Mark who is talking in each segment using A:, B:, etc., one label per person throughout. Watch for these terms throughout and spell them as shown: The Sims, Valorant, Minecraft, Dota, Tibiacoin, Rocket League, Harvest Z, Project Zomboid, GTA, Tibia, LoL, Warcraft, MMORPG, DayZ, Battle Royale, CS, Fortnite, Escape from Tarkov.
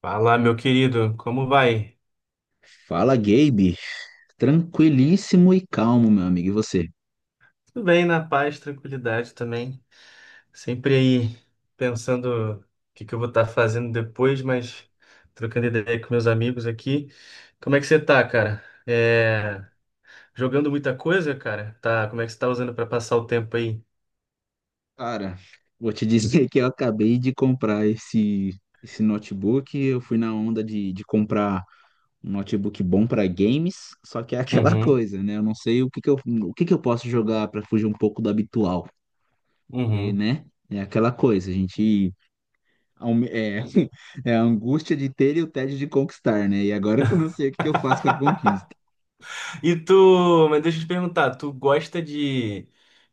A: Fala, meu querido, como vai?
B: Fala, Gabe. Tranquilíssimo e calmo, meu amigo. E você?
A: Tudo bem, na paz, tranquilidade também. Sempre aí pensando o que que eu vou estar fazendo depois, mas trocando ideia com meus amigos aqui. Como é que você tá, cara? Jogando muita coisa, cara? Tá, como é que você tá usando para passar o tempo aí?
B: Cara, vou te dizer que eu acabei de comprar esse notebook. Eu fui na onda de comprar um notebook bom para games, só que é aquela
A: Uhum,
B: coisa, né? Eu não sei o que que eu posso jogar para fugir um pouco do habitual, e,
A: uhum.
B: né? É aquela coisa, a gente. Aume- É, é a angústia de ter e o tédio de conquistar, né? E agora eu não sei o que que eu faço com a conquista.
A: E tu, mas deixa eu te perguntar, tu gosta de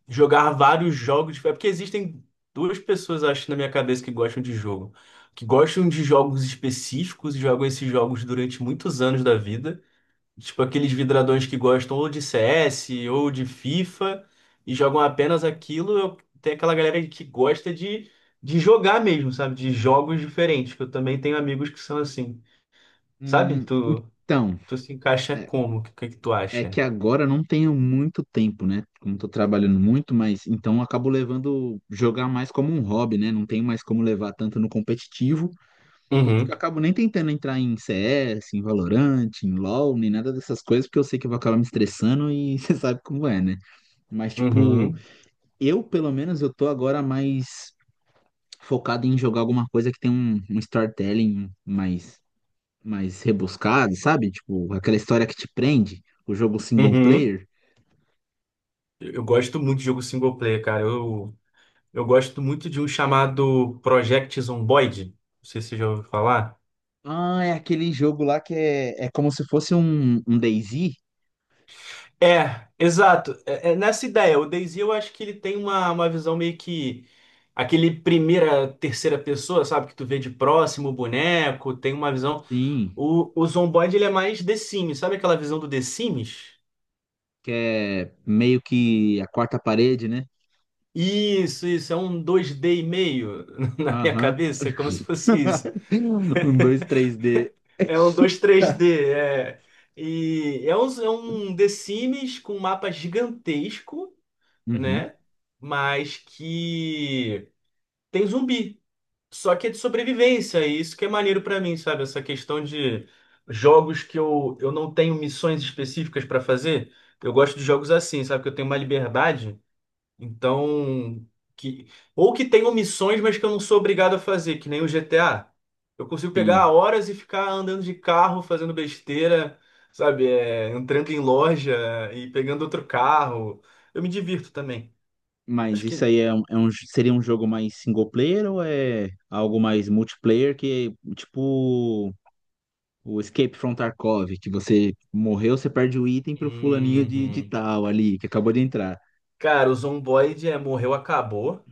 A: jogar vários jogos? É porque existem duas pessoas, eu acho, na minha cabeça que gostam de jogo. Que gostam de jogos específicos e jogam esses jogos durante muitos anos da vida. Tipo aqueles vidradões que gostam ou de CS ou de FIFA e jogam apenas aquilo. Tem aquela galera que gosta de jogar mesmo, sabe? De jogos diferentes, que eu também tenho amigos que são assim. Sabe?
B: Hum, então.
A: Tu se encaixa
B: é,
A: como? Que tu
B: É que
A: acha?
B: agora eu não tenho muito tempo, né? Como tô trabalhando muito, mas então eu acabo levando jogar mais como um hobby, né? Não tenho mais como levar tanto no competitivo. Por isso que eu acabo nem tentando entrar em CS, em Valorant, em LoL, nem nada dessas coisas, porque eu sei que eu vou acabar me estressando e você sabe como é, né? Mas tipo,
A: Uhum,
B: eu pelo menos eu tô agora mais focado em jogar alguma coisa que tem um storytelling mais rebuscado, sabe? Tipo, aquela história que te prende, o jogo single
A: uhum.
B: player.
A: Eu gosto muito de jogo single player, cara. Eu gosto muito de um chamado Project Zomboid. Não sei se você já ouviu falar.
B: Ah, é aquele jogo lá que é, é como se fosse um DayZ?
A: É, exato. É, é nessa ideia. O DayZ eu acho que ele tem uma visão meio que aquele primeira, terceira pessoa, sabe? Que tu vê de próximo o boneco, tem uma visão.
B: Sim,
A: O Zomboid ele é mais The Sims, sabe aquela visão do The Sims?
B: que é meio que a quarta parede, né?
A: Isso, é um dois d e meio na minha
B: Aham.
A: cabeça, é como se fosse isso.
B: Um dois três d.
A: É um dois três d é. E é um The Sims com um mapa gigantesco,
B: Uhum,
A: né? Mas que tem zumbi. Só que é de sobrevivência, e isso que é maneiro pra mim, sabe? Essa questão de jogos que eu não tenho missões específicas pra fazer. Eu gosto de jogos assim, sabe? Que eu tenho uma liberdade. Então, que ou que tenham missões, mas que eu não sou obrigado a fazer, que nem o GTA. Eu consigo pegar
B: sim.
A: horas e ficar andando de carro, fazendo besteira, sabe? É, entrando em loja e pegando outro carro. Eu me divirto também.
B: Mas
A: Acho
B: isso
A: que.
B: aí é seria um jogo mais single player ou é algo mais multiplayer que é tipo o Escape from Tarkov, que você morreu, você perde o item pro fulaninho de
A: Uhum.
B: tal ali, que acabou de entrar.
A: Cara, o Zomboid é morreu, acabou,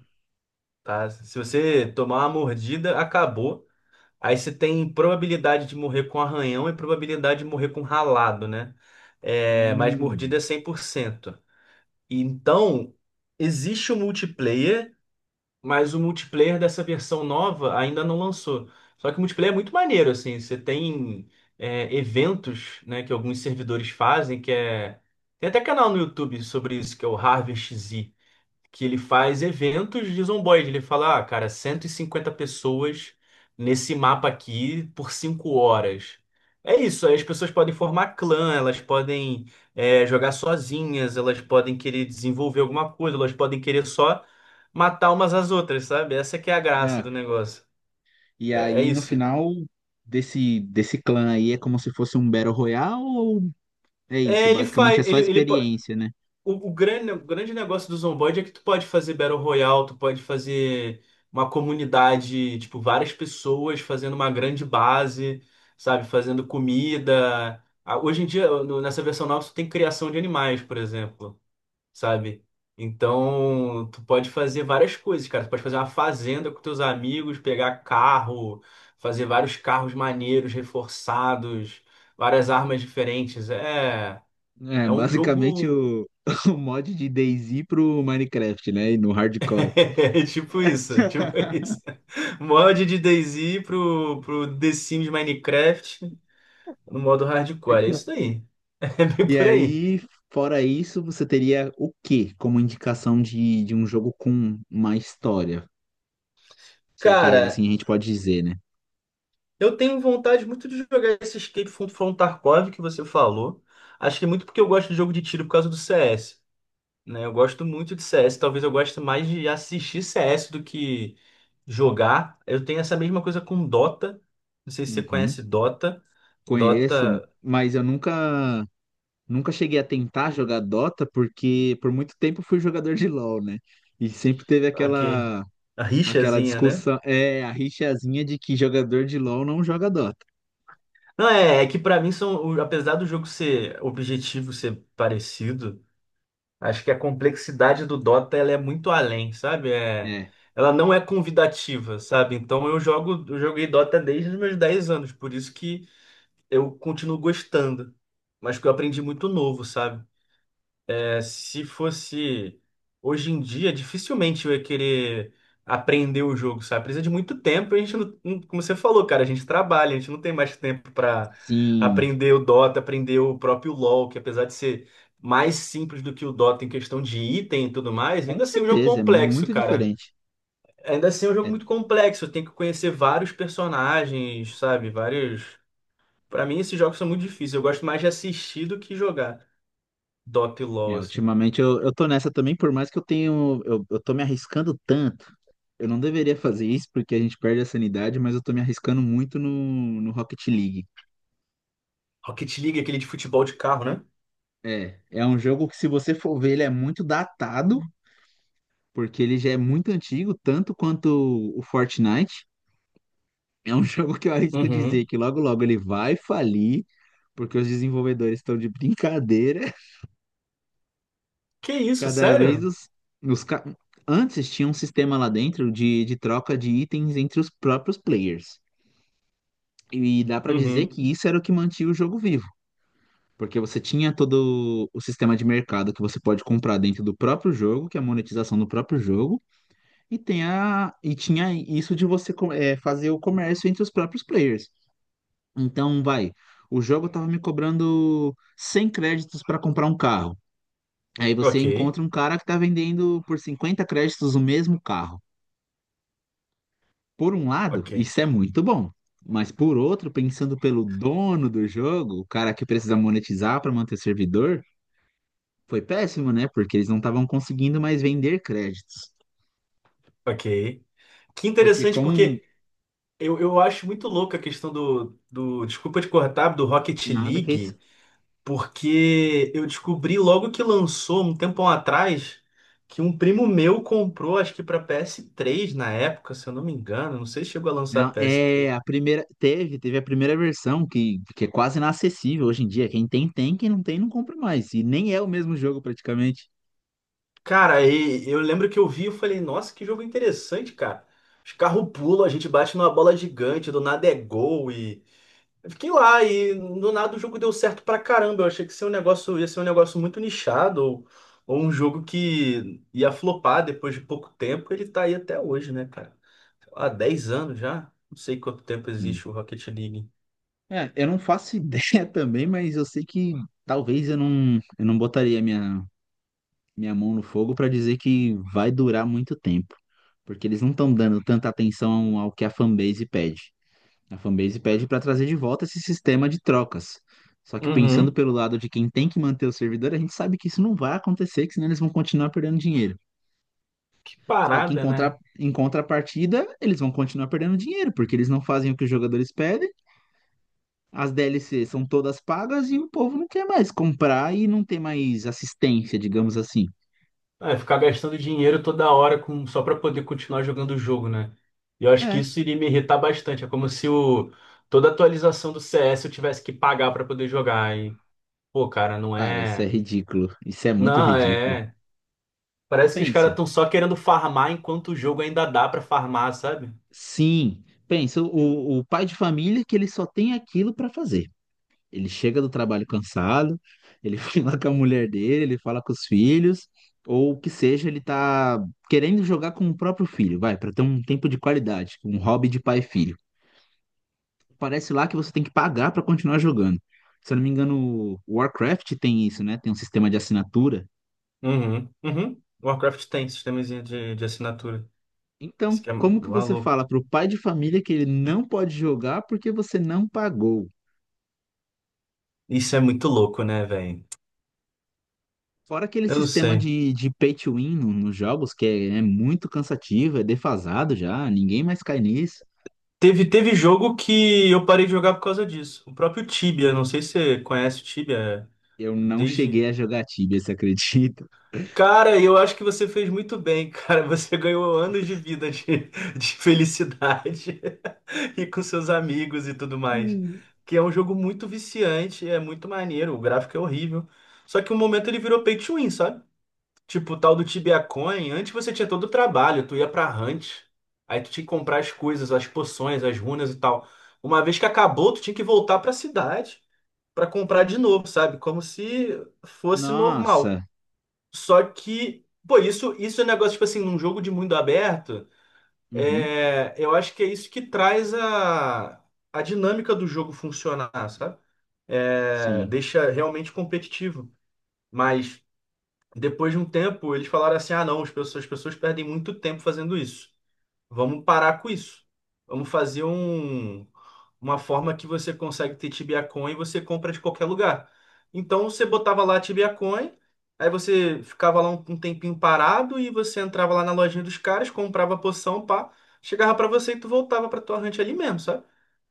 A: tá? Se você tomar uma mordida, acabou. Aí você tem probabilidade de morrer com arranhão e probabilidade de morrer com ralado, né? É, mas mordida é
B: Hum.
A: cem por cento. Então, existe o multiplayer, mas o multiplayer dessa versão nova ainda não lançou. Só que o multiplayer é muito maneiro, assim. Você tem eventos, né, que alguns servidores fazem, que é... Tem até canal no YouTube sobre isso, que é o Harvest Z, que ele faz eventos de zomboide. Ele fala, ah, cara, 150 pessoas nesse mapa aqui por 5 horas. É isso, aí as pessoas podem formar clã, elas podem jogar sozinhas, elas podem querer desenvolver alguma coisa, elas podem querer só matar umas às outras, sabe? Essa que é a graça
B: Ah,
A: do negócio.
B: e
A: É, é
B: aí, no
A: isso.
B: final desse clã aí, é como se fosse um Battle Royale ou é isso?
A: É, ele
B: Basicamente é
A: faz,
B: só
A: ele,
B: experiência, né?
A: O grande negócio do Zomboid é que tu pode fazer Battle Royale, tu pode fazer uma comunidade, tipo, várias pessoas fazendo uma grande base, sabe? Fazendo comida. Ah, hoje em dia, nessa versão nova, tu tem criação de animais, por exemplo, sabe? Então, tu pode fazer várias coisas, cara. Tu pode fazer uma fazenda com teus amigos, pegar carro, fazer vários carros maneiros, reforçados, várias armas diferentes. É,
B: É,
A: é um
B: basicamente
A: jogo.
B: o, o mod de DayZ pro Minecraft, né? E no hardcore.
A: É tipo isso, é tipo isso. Mod de DayZ pro The Sims Minecraft no modo hardcore. É isso daí. É bem
B: E
A: por aí.
B: aí, fora isso, você teria o quê como indicação de um jogo com uma história? Se é que
A: Cara,
B: assim a gente pode dizer, né?
A: eu tenho vontade muito de jogar esse Escape from Tarkov que você falou. Acho que é muito porque eu gosto de jogo de tiro por causa do CS, né? Eu gosto muito de CS. Talvez eu goste mais de assistir CS do que jogar. Eu tenho essa mesma coisa com Dota. Não sei se você
B: Uhum.
A: conhece Dota.
B: Conheço,
A: Dota,
B: mas eu nunca nunca cheguei a tentar jogar Dota porque por muito tempo fui jogador de LoL, né? E sempre teve
A: ok.
B: aquela
A: A
B: aquela
A: rixazinha, né?
B: discussão, é, a rixazinha de que jogador de LoL não joga Dota.
A: Não, é, é que pra mim são, apesar do jogo ser objetivo, ser parecido, acho que a complexidade do Dota ela é muito além, sabe? É,
B: É,
A: ela não é convidativa, sabe? Então eu jogo, eu joguei Dota desde os meus 10 anos, por isso que eu continuo gostando. Mas que eu aprendi muito novo, sabe? É, se fosse hoje em dia, dificilmente eu ia querer aprender o jogo, sabe? Precisa de muito tempo e a gente como você falou, cara, a gente trabalha, a gente não tem mais tempo pra
B: sim,
A: aprender o Dota, aprender o próprio LoL, que apesar de ser mais simples do que o Dota em questão de item e tudo mais,
B: com
A: ainda assim é um jogo
B: certeza, é
A: complexo,
B: muito
A: cara.
B: diferente.
A: Ainda assim é um jogo
B: É,
A: muito complexo, tem que conhecer vários personagens, sabe? Vários. Pra mim, esses jogos são muito difíceis. Eu gosto mais de assistir do que jogar Dota e LoL,
B: é,
A: assim.
B: ultimamente eu tô nessa também, por mais que eu tenho, eu tô me arriscando tanto. Eu não deveria fazer isso porque a gente perde a sanidade, mas eu tô me arriscando muito no Rocket League.
A: Rocket League, aquele de futebol de carro, né?
B: É, é um jogo que se você for ver, ele é muito datado porque ele já é muito antigo, tanto quanto o Fortnite. É um jogo que eu arrisco dizer
A: Uhum.
B: que logo logo ele vai falir, porque os desenvolvedores estão de brincadeira.
A: Que isso,
B: Cada vez
A: sério?
B: os ca- antes tinha um sistema lá dentro de troca de itens entre os próprios players. E dá pra dizer
A: Uhum.
B: que isso era o que mantinha o jogo vivo. Porque você tinha todo o sistema de mercado que você pode comprar dentro do próprio jogo, que é a monetização do próprio jogo, e tem a, e tinha isso de fazer o comércio entre os próprios players. Então, vai, o jogo tava me cobrando 100 créditos para comprar um carro. Aí você
A: Ok,
B: encontra um cara que tá vendendo por 50 créditos o mesmo carro. Por um lado,
A: ok,
B: isso é muito bom. Mas por outro, pensando pelo dono do jogo, o cara que precisa monetizar para manter servidor, foi péssimo, né? Porque eles não estavam conseguindo mais vender créditos.
A: ok. Que
B: Porque
A: interessante,
B: como
A: porque eu acho muito louca a questão do, do. Desculpa te cortar, do Rocket
B: nada que é.
A: League, porque eu descobri logo que lançou, um tempão atrás, que um primo meu comprou, acho que para PS3 na época, se eu não me engano, não sei se chegou a lançar
B: Não,
A: ps
B: é
A: três.
B: a primeira. Teve a primeira versão que é quase inacessível hoje em dia. Quem tem, tem, quem não tem, não compra mais. E nem é o mesmo jogo praticamente.
A: Cara, e eu lembro que eu vi e falei, nossa, que jogo interessante, cara. Os carros pulam, a gente bate numa bola gigante, do nada é gol e. Eu fiquei lá e do nada o jogo deu certo pra caramba. Eu achei que ia ser um negócio, ia ser um negócio muito nichado, ou um jogo que ia flopar depois de pouco tempo. Ele tá aí até hoje, né, cara? Há 10 anos já. Não sei quanto tempo
B: Sim.
A: existe o Rocket League.
B: É, eu não faço ideia também, mas eu sei que talvez eu não botaria minha mão no fogo para dizer que vai durar muito tempo. Porque eles não estão dando tanta atenção ao que a fanbase pede. A fanbase pede para trazer de volta esse sistema de trocas. Só que pensando
A: Uhum.
B: pelo lado de quem tem que manter o servidor, a gente sabe que isso não vai acontecer, que senão eles vão continuar perdendo dinheiro.
A: Que
B: Só que em
A: parada, né?
B: contra- em contrapartida, eles vão continuar perdendo dinheiro, porque eles não fazem o que os jogadores pedem, as DLCs são todas pagas e o povo não quer mais comprar e não tem mais assistência, digamos assim.
A: É, ficar gastando dinheiro toda hora com, só para poder continuar jogando o jogo, né? E eu acho que
B: É,
A: isso iria me irritar bastante. É como se o, toda atualização do CS eu tivesse que pagar para poder jogar. E, pô, cara, não
B: cara, isso é
A: é.
B: ridículo. Isso é muito
A: Não,
B: ridículo.
A: é. Parece que os caras
B: Pensa.
A: estão só querendo farmar enquanto o jogo ainda dá para farmar, sabe?
B: Sim, pensa, o pai de família que ele só tem aquilo para fazer. Ele chega do trabalho cansado, ele fala com a mulher dele, ele fala com os filhos, ou o que seja, ele tá querendo jogar com o próprio filho, vai, para ter um tempo de qualidade, um hobby de pai e filho. Parece lá que você tem que pagar para continuar jogando. Se eu não me engano, o Warcraft tem isso, né? Tem um sistema de assinatura.
A: Uhum, uhum. Warcraft tem sistemazinho de assinatura. Isso
B: Então,
A: que é
B: como que você
A: maluco.
B: fala pro pai de família que ele não pode jogar porque você não pagou?
A: Isso é muito louco, né, velho?
B: Fora aquele
A: Eu não
B: sistema
A: sei.
B: de pay to win nos jogos, que é muito cansativo, é defasado já, ninguém mais cai nisso.
A: Teve jogo que eu parei de jogar por causa disso. O próprio Tibia, não sei se você conhece o Tibia é,
B: Eu não cheguei
A: desde.
B: a jogar Tibia, você acredita?
A: Cara, eu acho que você fez muito bem, cara. Você ganhou anos de vida de felicidade e com seus amigos e tudo mais.
B: Hum.
A: Que é um jogo muito viciante, é muito maneiro, o gráfico é horrível. Só que um momento ele virou pay to win, sabe? Tipo, o tal do Tibia Coin, antes você tinha todo o trabalho, tu ia pra hunt, aí tu tinha que comprar as coisas, as poções, as runas e tal. Uma vez que acabou, tu tinha que voltar pra cidade pra comprar de novo, sabe? Como se fosse normal.
B: Nossa.
A: Só que, pô, isso é um negócio, tipo assim, num jogo de mundo aberto,
B: Uhum.
A: é, eu acho que é isso que traz a dinâmica do jogo funcionar, sabe? É,
B: Sim,
A: deixa realmente competitivo. Mas. Depois de um tempo, eles falaram assim: ah, não, as pessoas perdem muito tempo fazendo isso. Vamos parar com isso. Vamos fazer um, uma forma que você consegue ter Tibiacoin e você compra de qualquer lugar. Então você botava lá Tibiacoin, aí você ficava lá um, um tempinho parado e você entrava lá na lojinha dos caras, comprava a poção, pá, chegava pra você e tu voltava pra tua ranch ali mesmo, sabe?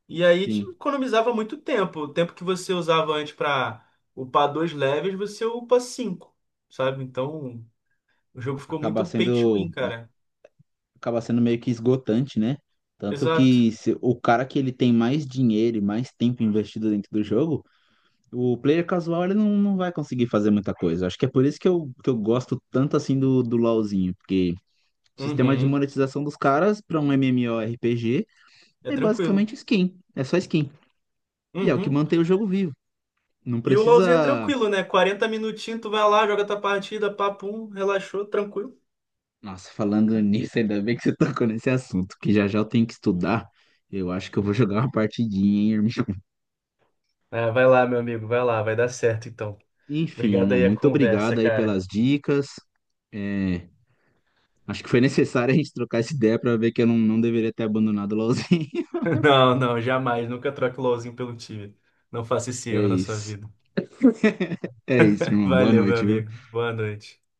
A: E aí te
B: sim.
A: economizava muito tempo. O tempo que você usava antes para upar 2 levels, você upa 5, sabe? Então o jogo ficou
B: Acaba
A: muito pay to
B: sendo,
A: win, cara.
B: acaba sendo meio que esgotante, né? Tanto
A: Exato.
B: que o cara que ele tem mais dinheiro e mais tempo investido dentro do jogo, o player casual ele não vai conseguir fazer muita coisa. Acho que é por isso que eu gosto tanto assim do LoLzinho, porque o sistema de
A: Uhum.
B: monetização dos caras para um MMORPG
A: É
B: é
A: tranquilo.
B: basicamente skin. É só skin. E é o que
A: Uhum.
B: mantém o jogo vivo. Não
A: E o LoLzinho é
B: precisa.
A: tranquilo, né? 40 minutinhos, tu vai lá, joga tua partida, papum, relaxou, tranquilo.
B: Nossa, falando nisso, ainda bem que você tocou nesse assunto, que já já eu tenho que estudar. Eu acho que eu vou jogar uma partidinha, hein, irmão?
A: Ah, vai lá, meu amigo, vai lá, vai dar certo então.
B: Enfim,
A: Obrigado
B: irmão,
A: aí a
B: muito
A: conversa,
B: obrigado aí
A: cara.
B: pelas dicas. É, acho que foi necessário a gente trocar essa ideia para ver que eu não deveria ter abandonado o LoLzinho.
A: Não, não, jamais. Nunca troque o LoLzinho pelo time. Não faça esse
B: É
A: erro na sua
B: isso.
A: vida.
B: É isso, irmão. Boa
A: Valeu, meu
B: noite, viu?
A: amigo. Boa noite.